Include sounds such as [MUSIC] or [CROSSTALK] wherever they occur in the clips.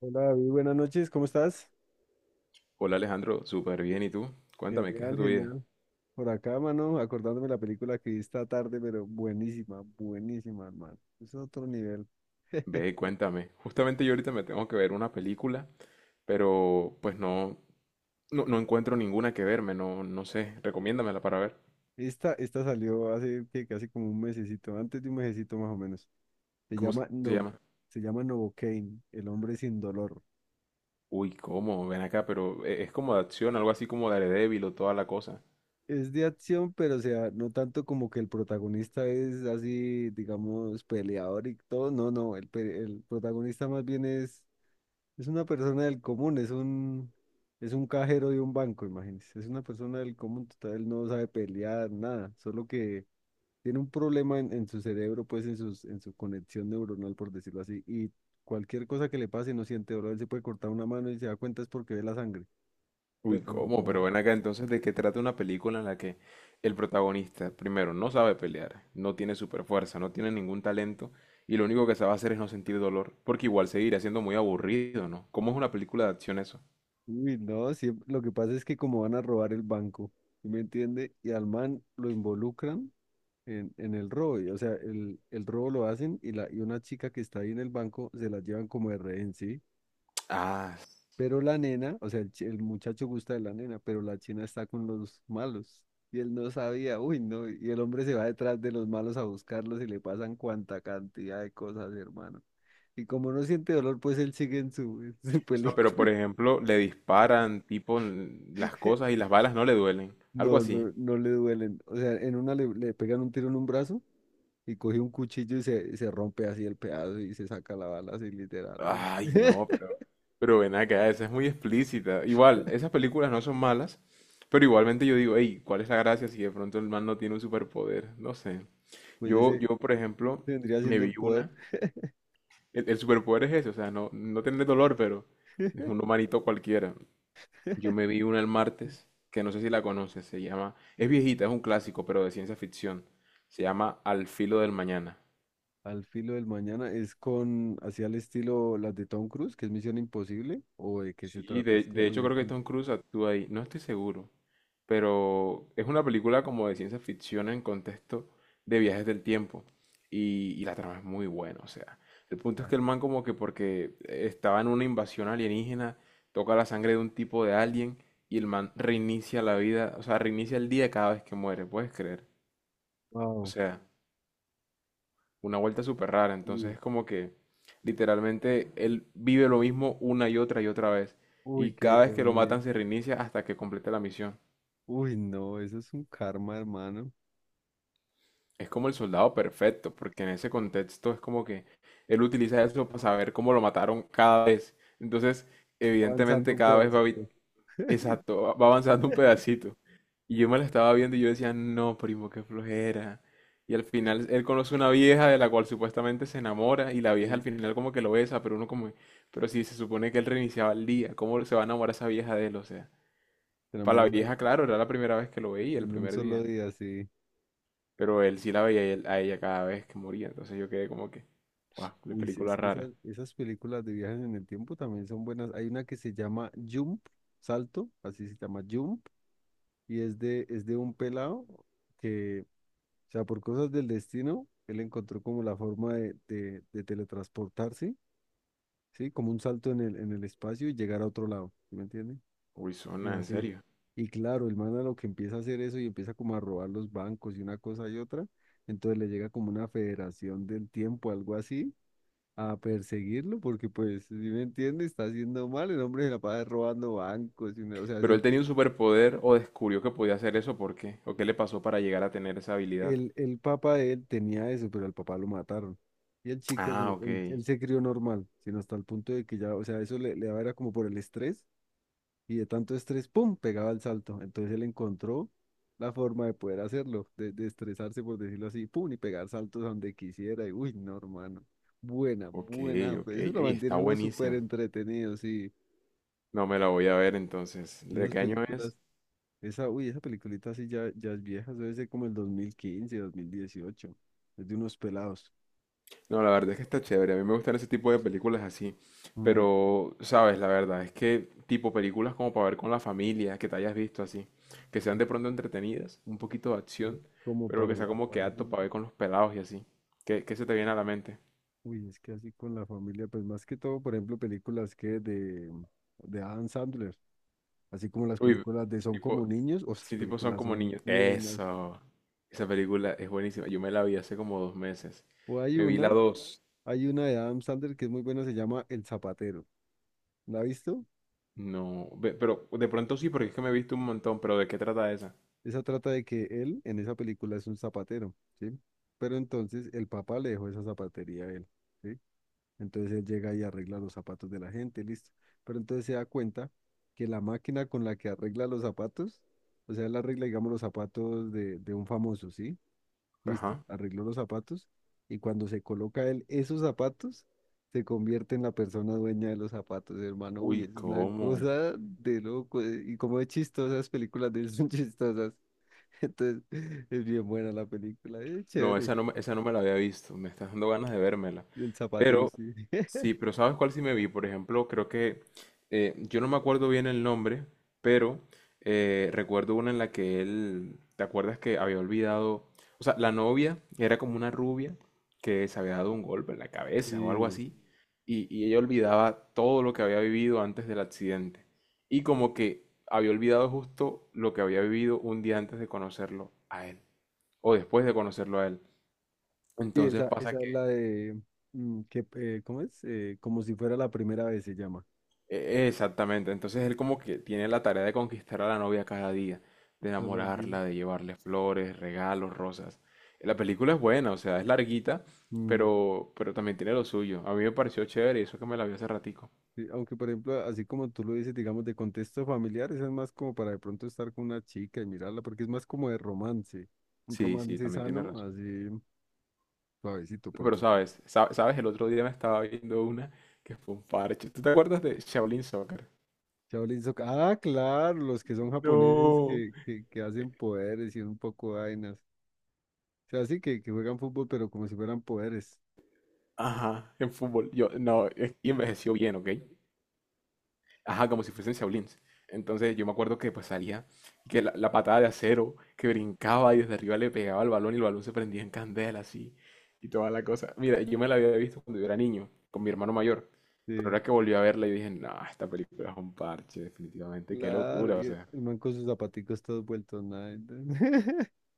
Hola David, buenas noches, ¿cómo estás? Hola Alejandro, súper bien. ¿Y tú? Cuéntame, ¿qué es de Genial, tu vida? genial. Por acá, mano, acordándome de la película que vi esta tarde, pero buenísima, buenísima, hermano. Es otro nivel. Ve, [LAUGHS] cuéntame. Justamente yo ahorita me tengo que ver una película, pero pues no, no, encuentro ninguna que verme, no, no sé. Recomiéndamela para ver. Esta salió hace que casi como un mesecito, antes de un mesecito más o menos. Se ¿Cómo se llama No, llama? se llama Novocaine, El hombre sin dolor. Uy, ¿cómo? Ven acá, pero es como de acción, algo así como Daredevil o toda la cosa. Es de acción, pero o sea, no tanto como que el protagonista es así, digamos, peleador y todo. No, no, el protagonista más bien es una persona del común, es un cajero de un banco, imagínense. Es una persona del común total, él no sabe pelear, nada, solo que tiene un problema en su cerebro, pues en en su conexión neuronal, por decirlo así, y cualquier cosa que le pase no siente dolor, él se puede cortar una mano y se da cuenta es porque ve la sangre, Uy, pero ¿cómo? Pero no, ven acá, entonces ¿de qué trata una película en la que el protagonista, primero, no sabe pelear, no tiene super fuerza, no tiene ningún talento y lo único que sabe hacer es no sentir dolor? Porque igual seguirá siendo muy aburrido, ¿no? ¿Cómo es una película de acción eso? uy, no, lo que pasa es que como van a robar el banco, ¿sí me entiende? Y al man lo involucran en el robo. O sea, el robo lo hacen y una chica que está ahí en el banco se la llevan como de rehén, ¿sí? Ah, Pero la nena, o sea, el muchacho gusta de la nena, pero la china está con los malos. Y él no sabía, uy, no. Y el hombre se va detrás de los malos a buscarlos y le pasan cuanta cantidad de cosas, hermano. Y como no siente dolor, pues él sigue en su, [LAUGHS] en su o sea, pero por película. ejemplo, le disparan tipo en las cosas y [LAUGHS] las balas no le duelen, algo No, así. no, no le duelen. O sea, en una le pegan un tiro en un brazo. Y coge un cuchillo y se rompe así el pedazo y se saca la bala así literal, así. Ay, no, [LAUGHS] pero ven acá, esa es muy explícita. Igual, esas películas no son malas, pero igualmente yo digo, hey, ¿cuál es la gracia si de pronto el man no tiene un superpoder? No sé. Pues Yo, ese yo, por ejemplo, vendría me siendo vi el poder. una. El superpoder es ese, o sea, no, no tener dolor, pero [LAUGHS] es un humanito cualquiera. Yo me vi una el martes, que no sé si la conoces, se llama, es viejita, es un clásico, pero de ciencia ficción. Se llama Al filo del mañana. Al filo del mañana es con, así al estilo las de Tom Cruise, que es Misión Imposible, o de qué se Sí, trata, es que, de uy, hecho hay creo que Tom tanto. Cruise actúa ahí, no estoy seguro, pero es una película como de ciencia ficción en contexto de viajes del tiempo y la trama es muy buena. O sea, el punto es Ya. que el man, como que porque estaba en una invasión alienígena, toca la sangre de un tipo de alien y el man reinicia la vida, o sea, reinicia el día cada vez que muere, ¿puedes creer? O Wow. sea, una vuelta súper rara. Entonces Sí. es como que literalmente él vive lo mismo una y otra vez. Uy, Y qué cada vez que lo ironía. matan se reinicia hasta que complete la misión. Uy, no, eso es un karma, hermano. Es como el soldado perfecto, porque en ese contexto es como que él utiliza eso para saber cómo lo mataron cada vez. Entonces, Avanzando evidentemente un cada vez va a pedacito. evitar. [LAUGHS] Exacto, va avanzando un pedacito. Y yo me la estaba viendo y yo decía, no, primo, qué flojera. Y al final él conoce una vieja de la cual supuestamente se enamora y la Sí, vieja al final como que lo besa, pero uno como, pero si se supone que él reiniciaba el día, ¿cómo se va a enamorar esa vieja de él? O sea, se para enamoró la vieja, claro, era la primera vez que lo veía, el en un primer solo día, día, sí. pero él sí la veía, y a ella cada vez que moría, entonces yo quedé como que, guau, qué Uy, sí, es película que rara. Esas películas de viajes en el tiempo también son buenas. Hay una que se llama Jump, Salto, así se llama Jump, y es de un pelado que, o sea, por cosas del destino, él encontró como la forma de teletransportarse, ¿sí? Como un salto en en el espacio y llegar a otro lado, ¿sí me entiendes? Uy, Y zona, en así. serio. Y claro, el man a lo que empieza a hacer eso y empieza como a robar los bancos y una cosa y otra, entonces le llega como una federación del tiempo, algo así a perseguirlo, porque pues, si me entiende, está haciendo mal, el hombre se la pasa robando bancos, y una- o sea, Pero ¿él haciendo- tenía un superpoder o descubrió que podía hacer eso? ¿Por qué? ¿O qué le pasó para llegar a tener esa habilidad? El papá de él tenía eso, pero al papá lo mataron. Y el chico, Ah, ok. él se crió normal, sino hasta el punto de que ya, o sea, le daba era como por el estrés, y de tanto estrés, ¡pum!, pegaba el salto. Entonces él encontró la forma de poder hacerlo, de estresarse, por decirlo así, ¡pum!, y pegar saltos a donde quisiera, y uy, no, hermano. Buena, Ok, buena, ok. pues eso lo Ey, está mantiene uno súper buenísima. entretenido, sí. No me la voy a ver entonces. ¿De Esas qué año películas. es? Esa, uy, esa peliculita así ya, ya es vieja, eso debe ser como el 2015, 2018. Es de unos pelados. No, la verdad es que está chévere. A mí me gustan ese tipo de películas así. Mm, Pero, sabes, la verdad es que tipo películas como para ver con la familia, que te hayas visto así. Que sean de pronto entretenidas, un poquito de así acción, como pero para que sea la como que apto para familia. ver con los pelados y así. ¿Qué, qué se te viene a la mente? Uy, es que así con la familia, pues más que todo, por ejemplo, películas de Adam Sandler, así como las Uy, películas de Son tipo, como niños, o esas sí, tipo son películas como son niños. buenas. Eso. Esa película es buenísima. Yo me la vi hace como dos meses. O hay Me vi la una, dos. hay una de Adam Sandler que es muy buena, se llama El Zapatero. ¿La ha visto? No, pero de pronto sí, porque es que me he visto un montón, pero ¿de qué trata esa? Esa trata de que él en esa película es un zapatero, ¿sí? Pero entonces el papá le dejó esa zapatería a él, ¿sí? Entonces él llega y arregla los zapatos de la gente, listo. Pero entonces se da cuenta que la máquina con la que arregla los zapatos, o sea, él arregla, digamos, los zapatos de un famoso, ¿sí? Listo, Ajá. arregló los zapatos y cuando se coloca él esos zapatos, se convierte en la persona dueña de los zapatos, hermano. Uy, Uy, es una ¿cómo? cosa de loco. Y como es chistosa, las películas de él [LAUGHS] son chistosas. [LAUGHS] Entonces, es bien buena la película, es No, chévere. esa no, esa no me la había visto, me está dando ganas de vérmela. El zapatero, Pero sí. [LAUGHS] sí, pero ¿sabes cuál sí me vi? Por ejemplo, creo que yo no me acuerdo bien el nombre, pero recuerdo una en la que él, ¿te acuerdas que había olvidado? O sea, la novia era como una rubia que se había dado un golpe en la cabeza o algo Sí, así, y ella olvidaba todo lo que había vivido antes del accidente, y como que había olvidado justo lo que había vivido un día antes de conocerlo a él, o después de conocerlo a él. sí, Entonces pasa esa es que... la de, mm, que, ¿cómo es? Como si fuera la primera vez se llama. Exactamente, entonces él como que tiene la tarea de conquistar a la novia cada día, de Solo di- enamorarla, de llevarle flores, regalos, rosas. La película es buena, o sea, es larguita, mm, pero también tiene lo suyo. A mí me pareció chévere y eso que me la vi hace ratico. sí, aunque, por ejemplo, así como tú lo dices, digamos, de contexto familiar, esa es más como para de pronto estar con una chica y mirarla, porque es más como de romance. Un Sí, sí, romance también tiene sano, razón. así suavecito, por Pero decir. sabes, sabes, el otro día me estaba viendo una que fue un parche. ¿Tú te acuerdas de Shaolin Soccer? Shaolin Soccer. Ah, claro, los que son japoneses No. Que hacen poderes y un poco de vainas. Sea, así que juegan fútbol, pero como si fueran poderes. Ajá, en fútbol. Yo, no, y envejeció bien, ¿ok? Ajá, como si fuesen Shaolins. Entonces yo me acuerdo que pues salía, que la patada de acero, que brincaba y desde arriba le pegaba al balón y el balón se prendía en candela así y toda la cosa. Mira, yo me la había visto cuando yo era niño, con mi hermano mayor, pero Sí, ahora que volví a verla y dije, no, esta película es un parche, definitivamente, qué claro. locura, o Y sea. el man con sus zapaticos todos vueltos nada. [LAUGHS]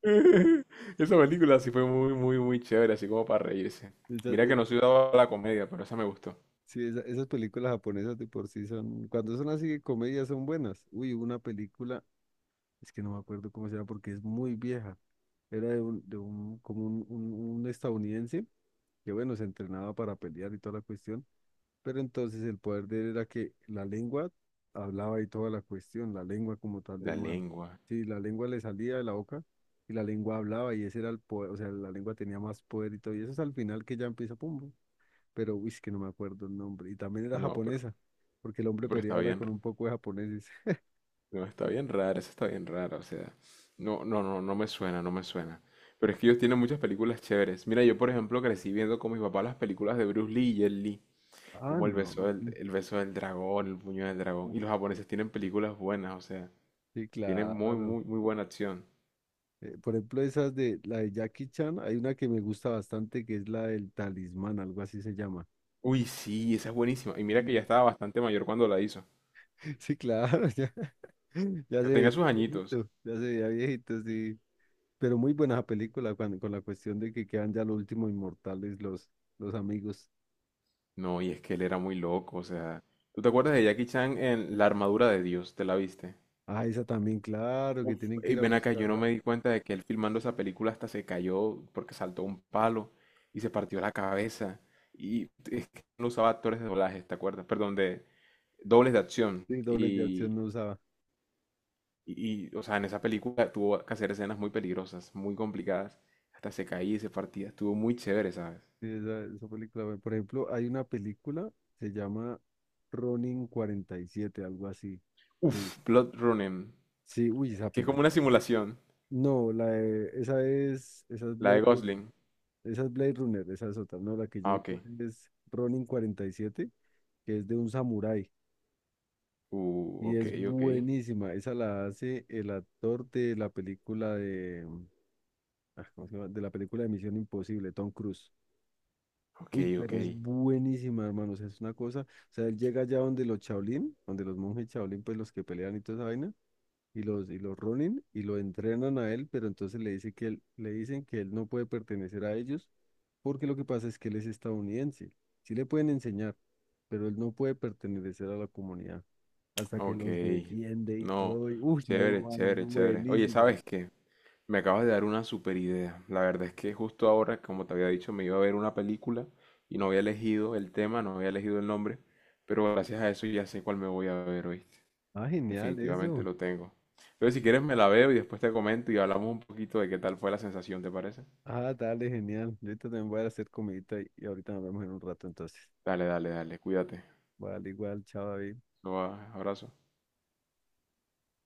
[LAUGHS] Esa película sí fue muy, muy, muy chévere, así como para reírse. Esas- Mira que eh, no soy dado a la comedia, pero esa me gustó. sí, esa- esas películas japonesas de por sí son, cuando son así de comedia son buenas. Uy, hubo una película, es que no me acuerdo cómo se llama porque es muy vieja. Era de un, un estadounidense que, bueno, se entrenaba para pelear y toda la cuestión. Pero entonces el poder de él era que la lengua hablaba y toda la cuestión, la lengua como tal del La man. lengua, Sí, la lengua le salía de la boca y la lengua hablaba y ese era el poder, o sea, la lengua tenía más poder y todo. Y eso es al final que ya empieza Pumbo. Pero, uy, es que no me acuerdo el nombre. Y también era no, japonesa, porque el hombre pero está peleaba bien. con un poco de japoneses. [LAUGHS] No, está bien rara, esa está bien rara, o sea, no, no, no, no me suena, no me suena. Pero es que ellos tienen muchas películas chéveres. Mira, yo por ejemplo crecí viendo con mi papá las películas de Bruce Lee y Jet Li, Ah, como no. El beso del dragón, El puño del dragón. Uf, Y los japoneses tienen películas buenas, o sea, sí, tienen muy, claro. muy, muy buena acción. Por ejemplo, esas de Jackie Chan, hay una que me gusta bastante que es la del talismán, algo así se llama. Uy, sí, esa es buenísima. Y mira Sí. que ya estaba bastante mayor cuando la hizo. [LAUGHS] Sí, claro, ya, [LAUGHS] ya se Ya veía tenía sus añitos. viejito, ya se veía viejito, sí. Pero muy buena esa película cuando- con la cuestión de que quedan ya los últimos inmortales, los amigos. No, y es que él era muy loco, o sea, ¿tú te acuerdas de Jackie Chan en La armadura de Dios? ¿Te la viste? Ah, esa también, claro, que Uf, tienen que ey, ir a ven acá, yo no buscarla. me di cuenta de que él filmando esa película hasta se cayó porque saltó un palo y se partió la cabeza. Y es que no usaba actores de doblaje, ¿te acuerdas? Perdón, de dobles de acción. Sí, dobles de Y, acción no usaba. y, y, o sea, en esa película tuvo que hacer escenas muy peligrosas, muy complicadas. Hasta se caía y se partía. Estuvo muy chévere, ¿sabes? Sí, esa película. Bueno, Por ejemplo, hay una película, se llama Ronin 47, algo así. Sí, Uf, Blood Running, sí, uy, esa que es como una película. simulación, No, la de- esa es la Blade de Runner. Gosling. Esa es Blade Runner, esa es otra. No, la que yo Ah, ok. digo es Ronin 47, que es de un samurái y Ok, es ok. buenísima. Esa la hace el actor de la película de, ah, ¿cómo se llama? De la película de Misión Imposible, Tom Cruise. Ok, Uy, ok. pero es buenísima, hermanos. Es una cosa. O sea, él llega allá donde los Shaolin, donde los monjes Shaolin, pues los que pelean y toda esa vaina. Y los runen y lo entrenan a él, pero entonces le dice que él, le dicen que él no puede pertenecer a ellos porque lo que pasa es que él es estadounidense. Sí le pueden enseñar, pero él no puede pertenecer a la comunidad hasta que Ok, los defiende y no, todo. Y, uy, no, chévere, mano, chévere, chévere. Oye, buenísima. ¿sabes qué? Me acabas de dar una super idea. La verdad es que justo ahora, como te había dicho, me iba a ver una película y no había elegido el tema, no había elegido el nombre, pero gracias a eso ya sé cuál me voy a ver, ¿oíste? Ah, genial Definitivamente eso. lo tengo. Entonces, si quieres, me la veo y después te comento y hablamos un poquito de qué tal fue la sensación, ¿te parece? Ah, dale, genial. Ahorita también voy a hacer comidita y ahorita nos vemos en un rato entonces. Dale, dale, dale, cuídate. Vale, igual, chao, David. Abrazo.